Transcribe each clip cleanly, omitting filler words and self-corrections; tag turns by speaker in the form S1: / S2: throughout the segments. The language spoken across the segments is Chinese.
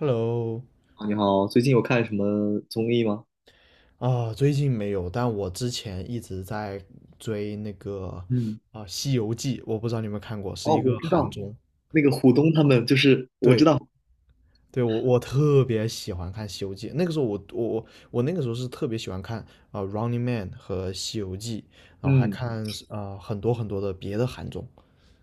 S1: Hello，
S2: 你好，最近有看什么综艺吗？
S1: 啊，最近没有，但我之前一直在追那个
S2: 嗯，
S1: 啊《西游记》，我不知道你有没有看过，是
S2: 哦，
S1: 一
S2: 我
S1: 个
S2: 知
S1: 韩
S2: 道，
S1: 综。
S2: 那个虎东他们就是我知
S1: 对，
S2: 道，
S1: 对，我特别喜欢看《西游记》，那个时候我那个时候是特别喜欢看Running Man》和《西游记》，然后还
S2: 嗯
S1: 看啊很多很多的别的韩综。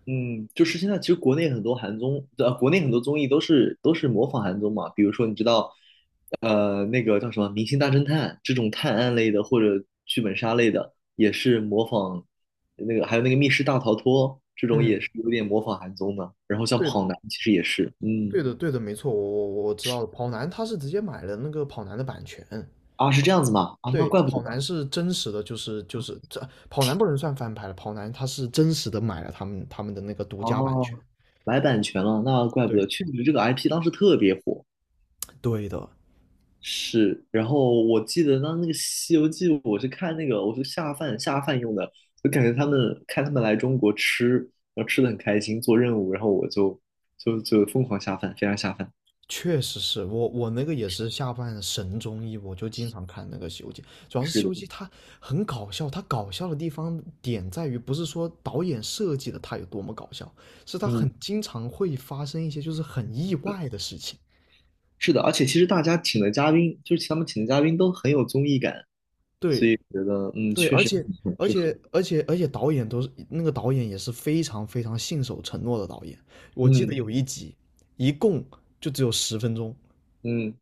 S2: 嗯，就是现在其实国内很多韩综，国内很多综艺都是模仿韩综嘛，比如说你知道，那个叫什么《明星大侦探》这种探案类的或者剧本杀类的，也是模仿那个，还有那个《密室大逃脱》这种也
S1: 嗯，
S2: 是有点模仿韩综的，然后像
S1: 对的，
S2: 《跑男》其实也是，嗯
S1: 对的，对的，没错，我知道的。跑男他是直接买了那个跑男的版权。
S2: 啊，是这样子吗？啊，那
S1: 对，
S2: 怪不
S1: 跑
S2: 得。
S1: 男是真实的，就是这跑男不能算翻拍了，跑男他是真实的买了他们的那个独家版权。
S2: 哦，买版权了，那怪不得，
S1: 对，
S2: 确实这个 IP 当时特别火。
S1: 对的，
S2: 是，然后我记得当那个《西游记》，我是看那个，我是下饭用的，就感觉他们看他们来中国吃，然后吃的很开心，做任务，然后我就就疯狂下饭，非常下饭。
S1: 确实是我那个也是下饭神综艺，我就经常看那个《西游记》，主要是
S2: 是
S1: 《西
S2: 的，
S1: 游记》它很搞笑，它搞笑的地方点在于不是说导演设计的它有多么搞笑，是它
S2: 嗯，
S1: 很经常会发生一些就是很意外的事情。
S2: 是的，而且其实大家请的嘉宾，就是他们请的嘉宾都很有综艺感，所
S1: 对，
S2: 以觉得嗯，
S1: 对，
S2: 确
S1: 而
S2: 实
S1: 且
S2: 挺
S1: 而
S2: 适合。
S1: 且而且而且导演都是那个导演也是非常非常信守承诺的导演。我记得
S2: 嗯
S1: 有一集，一共就只有10分钟，
S2: 嗯，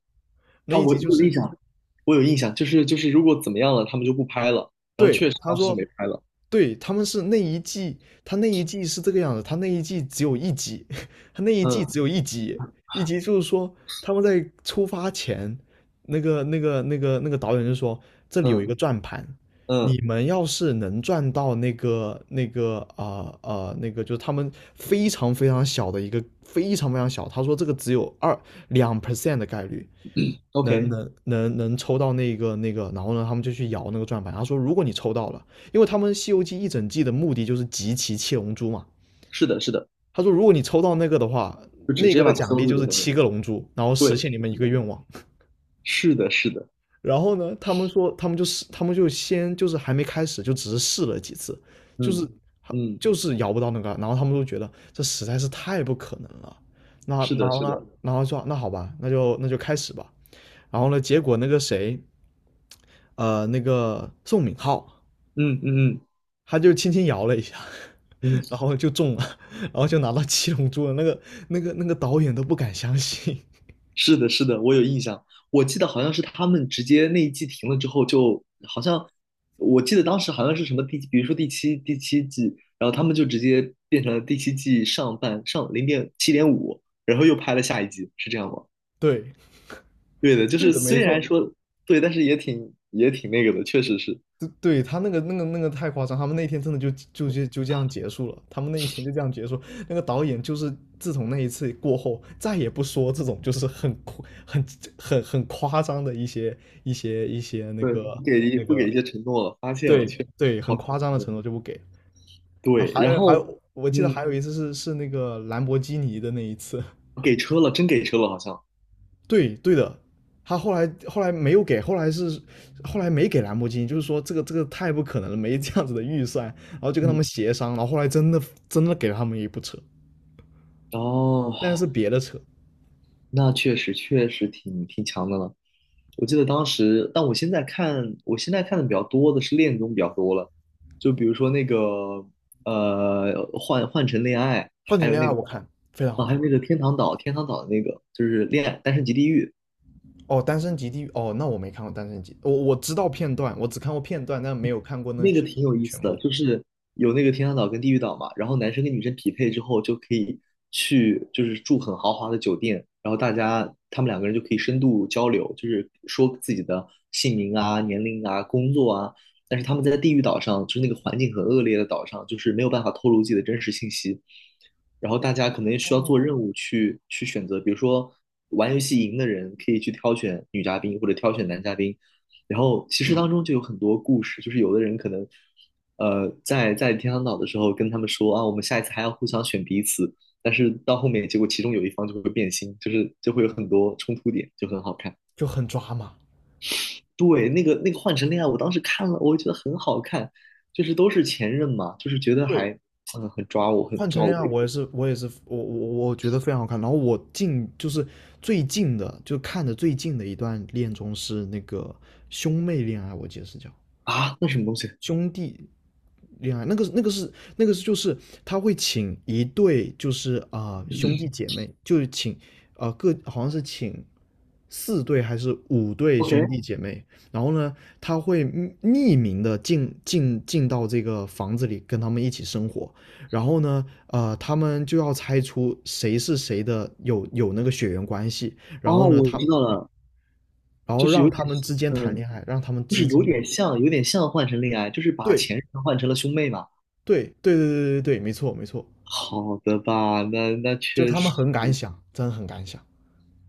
S1: 那
S2: 啊、
S1: 一
S2: 我
S1: 集
S2: 我
S1: 就
S2: 有印
S1: 是
S2: 象，我有印象，就是如果怎么样了，他们就不拍了，然后
S1: 对
S2: 确实
S1: 他
S2: 当时就没
S1: 说
S2: 拍了。
S1: 对，他们是那一季，他那一季是这个样子，他那一季只有一集，他那一季
S2: 嗯
S1: 只有一集，一集就是说他们在出发前，那个导演就说这里有一
S2: 嗯
S1: 个转盘，
S2: 嗯
S1: 你们要是能转到那个就是他们非常非常小的一个非常非常小，他说这个只有2% 的概率，能
S2: ，OK，
S1: 能能能抽到那个那个，然后呢，他们就去摇那个转盘。他说，如果你抽到了，因为他们《西游记》一整季的目的就是集齐七龙珠嘛。
S2: 是的，是的，
S1: 他说，如果你抽到那个的话，
S2: 就直直
S1: 那
S2: 接
S1: 个的
S2: 把它
S1: 奖
S2: 封
S1: 励
S2: 住
S1: 就
S2: 就
S1: 是
S2: 行了。
S1: 七个龙珠，然后
S2: 对，
S1: 实现你们一
S2: 是
S1: 个
S2: 的，
S1: 愿望。
S2: 是的，是的，
S1: 然后呢，他们说，他们就是他们就先就是还没开始，就只是试了几次，就
S2: 嗯
S1: 是
S2: 嗯，
S1: 就是摇不到那个，然后他们都觉得这实在是太不可能了。那
S2: 是
S1: 然
S2: 的，
S1: 后
S2: 是
S1: 呢，
S2: 的，
S1: 然后说那好吧，那就开始吧。然后呢，结果那个谁，那个宋敏浩，
S2: 嗯嗯
S1: 他就轻轻摇了一下，
S2: 嗯嗯，
S1: 然后就中了，然后就拿到七龙珠了。那个导演都不敢相信。
S2: 是的，是的，我有印象，我记得好像是他们直接那一季停了之后就，好像我记得当时好像是什么第，比如说第七季，然后他们就直接变成了第七季上半上0.7.5，然后又拍了下一季，是这样吗？
S1: 对
S2: 对的，就
S1: 对
S2: 是
S1: 的，没
S2: 虽然
S1: 错，
S2: 说对，但是也挺那个的，确实是，
S1: 对对，他那个太夸张，他们那天真的就这样结束了，他们那一天就这样结束。那个导演就是自从那一次过后，再也不说这种就是很夸 很夸张的一些那
S2: 对，
S1: 个那
S2: 不给一
S1: 个。
S2: 些承诺了，发现了，
S1: 对
S2: 确实
S1: 对，
S2: 不
S1: 很
S2: 好，
S1: 夸张的承诺就不给。啊，
S2: 对，
S1: 还
S2: 然
S1: 有还
S2: 后
S1: 有，我记得
S2: 嗯，
S1: 还有一次是那个兰博基尼的那一次。
S2: 给车了，真给车了，好像，
S1: 对对的，他后来没有给，后来是后来没给兰博基尼，就是说这个这个太不可能了，没这样子的预算，然后就跟他们
S2: 嗯，
S1: 协商，然后后来真的给了他们一部车，
S2: 哦，
S1: 但是别的车。
S2: 那确实挺强的了。我记得当时，但我现在看，我现在看的比较多的是恋综比较多了，就比如说那个换成恋爱，
S1: 换
S2: 还
S1: 成
S2: 有
S1: 恋
S2: 那
S1: 爱
S2: 个
S1: 我看非常
S2: 啊，
S1: 好
S2: 还有
S1: 看。
S2: 那个天堂岛，天堂岛的那个就是恋爱单身即地狱。
S1: 哦，单身级地狱哦，那我没看过单身级，我知道片段，我只看过片段，但没有看过那
S2: 那个挺有意思
S1: 全
S2: 的，
S1: 部，
S2: 就是有那个天堂岛跟地狱岛嘛，然后男生跟女生匹配之后就可以去，就是住很豪华的酒店，然后大家他们两个人就可以深度交流，就是说自己的姓名啊、年龄啊、工作啊。但是他们在地狱岛上，就是那个环境很恶劣的岛上，就是没有办法透露自己的真实信息。然后大家可能需要做任务去选择，比如说玩游戏赢的人可以去挑选女嘉宾或者挑选男嘉宾，然后其实当中就有很多故事，就是有的人可能，在天堂岛的时候跟他们说啊，我们下一次还要互相选彼此，但是到后面结果其中有一方就会变心，就是就会有很多冲突点，就很好看。
S1: 就很抓马。
S2: 对，那个换乘恋爱，我当时看了，我觉得很好看，就是都是前任嘛，就是觉得还
S1: 对，
S2: 很
S1: 换成
S2: 抓我
S1: 恋爱，
S2: 胃口
S1: 我也是，我也是，我觉得非常好看。然后我近就是最近的，就看的最近的一段恋综是那个兄妹恋爱，我记得是叫
S2: 啊，那什么东西
S1: 兄弟恋爱那个是那个是就是他会请一对就是兄弟姐妹，就是请各好像是请四对还是五对
S2: ？OK，
S1: 兄弟姐妹，然后呢他会匿名的进到这个房子里跟他们一起生活，然后呢他们就要猜出谁是谁的有那个血缘关系，然后
S2: 哦，
S1: 呢
S2: 我
S1: 他
S2: 知道了，
S1: 然后
S2: 就是
S1: 让
S2: 有点
S1: 他们之间谈
S2: 嗯，
S1: 恋爱，让他们
S2: 就是
S1: 之间有
S2: 有点像换乘恋爱，就是把
S1: 对
S2: 前任换成了兄妹嘛。
S1: 对对对对对对，没错没错。
S2: 好的吧，那
S1: 就
S2: 确
S1: 他们
S2: 实
S1: 很敢想，真的很敢想。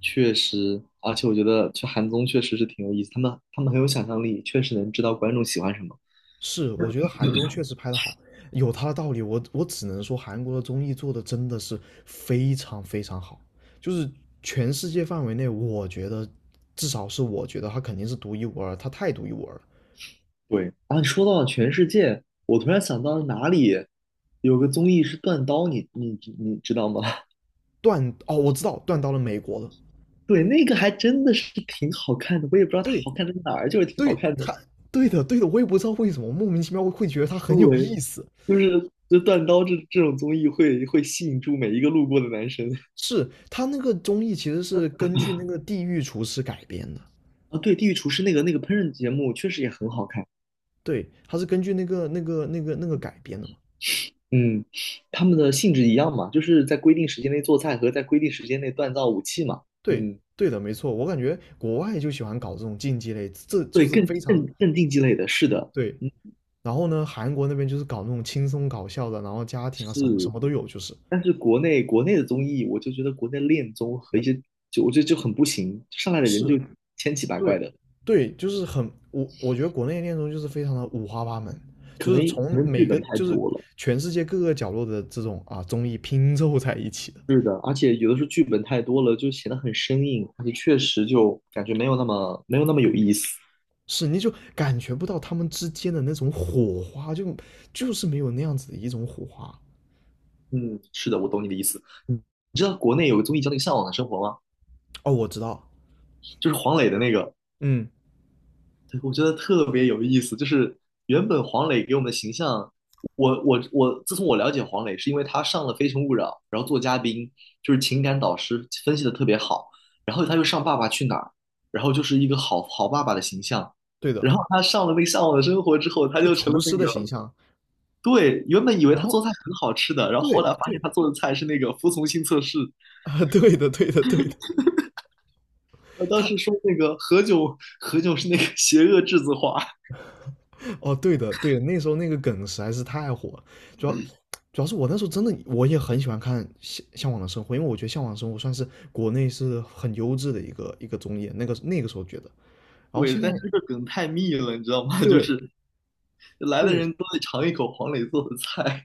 S2: 确实，而且我觉得去韩综确实是挺有意思，他们很有想象力，确实能知道观众喜欢什么。
S1: 是，我觉得韩综确实拍得好，有他的道理。我只能说，韩国的综艺做的真的是非常非常好，就是全世界范围内，我觉得至少是我觉得他肯定是独一无二，他太独一无二了。
S2: 对，啊，你说到了全世界，我突然想到了哪里有个综艺是断刀，你知道吗？
S1: 断哦，我知道断到了美国了。
S2: 对，那个还真的是挺好看的，我也不知道它
S1: 对
S2: 好看在哪儿，就是挺好
S1: 对，
S2: 看的。
S1: 他对的对的，我也不知道为什么莫名其妙会觉得他很有意
S2: 对，
S1: 思。
S2: 就是断刀这种综艺会吸引住每一个路过的男生。
S1: 是他那个综艺其实是根据那个《地狱厨师》改编的，
S2: 啊，对，《地狱厨师》那个烹饪节目确实也很好看。
S1: 对，它是根据那个改编的嘛。
S2: 嗯，他们的性质一样嘛，就是在规定时间内做菜和在规定时间内锻造武器嘛。
S1: 对，
S2: 嗯，
S1: 对的，没错。我感觉国外就喜欢搞这种竞技类，这就
S2: 对，
S1: 是
S2: 更
S1: 非常
S2: 更更竞技类的，是的。
S1: 对。
S2: 嗯，
S1: 然后呢，韩国那边就是搞那种轻松搞笑的，然后家庭啊什么什么都有，就是。
S2: 但是国内的综艺，我就觉得国内恋综和
S1: 那
S2: 一些就我觉得就很不行，上来的
S1: 是，
S2: 人就千奇百怪
S1: 对，
S2: 的，
S1: 对，就是很我觉得国内的恋综就是非常的五花八门，
S2: 可
S1: 就
S2: 能
S1: 是
S2: 可
S1: 从
S2: 能剧
S1: 每个
S2: 本太
S1: 就是
S2: 多了。
S1: 全世界各个角落的这种啊综艺拼凑在一起的。
S2: 是的，而且有的时候剧本太多了，就显得很生硬，而且确实就感觉没有那么有意思。
S1: 是，你就感觉不到他们之间的那种火花，就是没有那样子的一种火花。
S2: 嗯，是的，我懂你的意思。嗯，你知道国内有个综艺叫那个《向往的生活》吗？
S1: 哦，我知道，
S2: 就是黄磊的那个。
S1: 嗯，
S2: 对，我觉得特别有意思，就是原本黄磊给我们的形象，我，自从我了解黄磊，是因为他上了《非诚勿扰》，然后做嘉宾，就是情感导师分析的特别好，然后他又上《爸爸去哪儿》，然后就是一个好好爸爸的形象，
S1: 对的，
S2: 然后他上了那个《向往的生活》之后，他
S1: 就
S2: 就成
S1: 厨
S2: 了那
S1: 师的形
S2: 个，
S1: 象。
S2: 对，原本以为
S1: 然
S2: 他
S1: 后，
S2: 做菜很好吃的，然后后
S1: 对
S2: 来发现
S1: 对
S2: 他做的菜是那个服从性测试，
S1: 啊，对的，对的，对的，
S2: 我当
S1: 他
S2: 时说那个何炅，何炅是那个邪恶栀子花。
S1: 哦，对的，对的，那时候那个梗实在是太火了。主要主要是我那时候真的我也很喜欢看向往的生活，因为我觉得向往的生活算是国内是很优质的一个综艺，那个那个时候觉得，然后
S2: 对，
S1: 现在
S2: 但是这个梗太密了，你知道吗？就
S1: 对
S2: 是来的
S1: 对
S2: 人都得尝一口黄磊做的菜。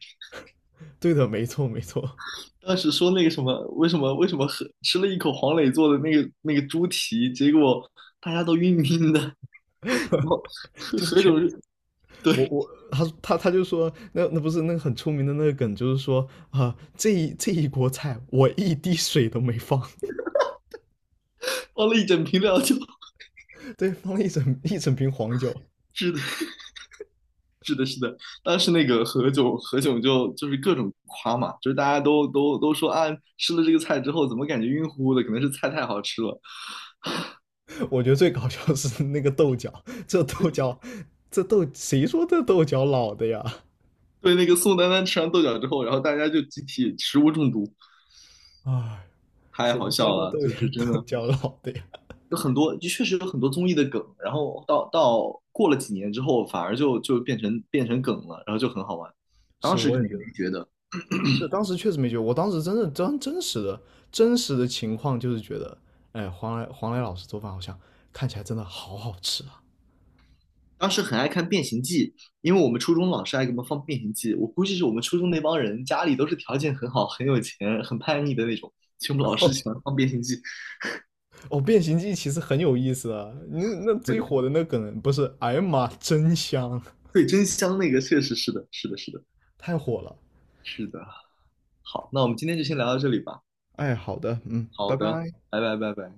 S1: 对的，没错没错。
S2: 当时说那个什么，为什么喝吃了一口黄磊做的那个猪蹄，结果大家都晕晕的，然后 何
S1: 就是
S2: 何
S1: 全
S2: 炅是
S1: 我
S2: 对
S1: 我他就说，那那不是那个很出名的那个梗，就是说这一锅菜我一滴水都没放，
S2: 放了一整瓶料酒，
S1: 对，放了一整瓶黄酒。
S2: 是的，是的，是的。当时那个何炅就是各种夸嘛，就是大家都说啊，吃了这个菜之后怎么感觉晕乎乎的，可能是菜太好吃了。
S1: 我觉得最搞笑的是那个豆角，这豆角，这豆谁说这豆角老的呀？
S2: 对，那个宋丹丹吃完豆角之后，然后大家就集体食物中毒，
S1: 哎，
S2: 太
S1: 谁
S2: 好
S1: 说
S2: 笑
S1: 这
S2: 了，
S1: 豆
S2: 就
S1: 角
S2: 是真
S1: 豆
S2: 的。
S1: 角老的呀？
S2: 有很多就确实有很多综艺的梗，然后到过了几年之后，反而就变成梗了，然后就很好玩。当
S1: 是，
S2: 时
S1: 我
S2: 肯
S1: 也
S2: 定
S1: 觉得
S2: 没觉得，
S1: 是，当时确实没觉得，我当时真的真实的情况就是觉得，哎，黄来老师做饭好像看起来真的好好吃啊。
S2: 当时很爱看《变形计》，因为我们初中老师爱给我们放《变形计》，我估计是我们初中那帮人家里都是条件很好、很有钱、很叛逆的那种，所以我们老 师
S1: 哦。
S2: 喜欢放《变形计》。
S1: 哦，变形记其实很有意思啊。那
S2: 对
S1: 最
S2: 的，
S1: 火的那梗不是“哎呀妈，真香”，
S2: 对，真香，那个确实是的，是的，是的，
S1: 太火了。
S2: 是的。好，那我们今天就先聊到这里吧。
S1: 哎，好的，嗯，
S2: 好
S1: 拜
S2: 的，
S1: 拜。
S2: 拜拜，拜拜。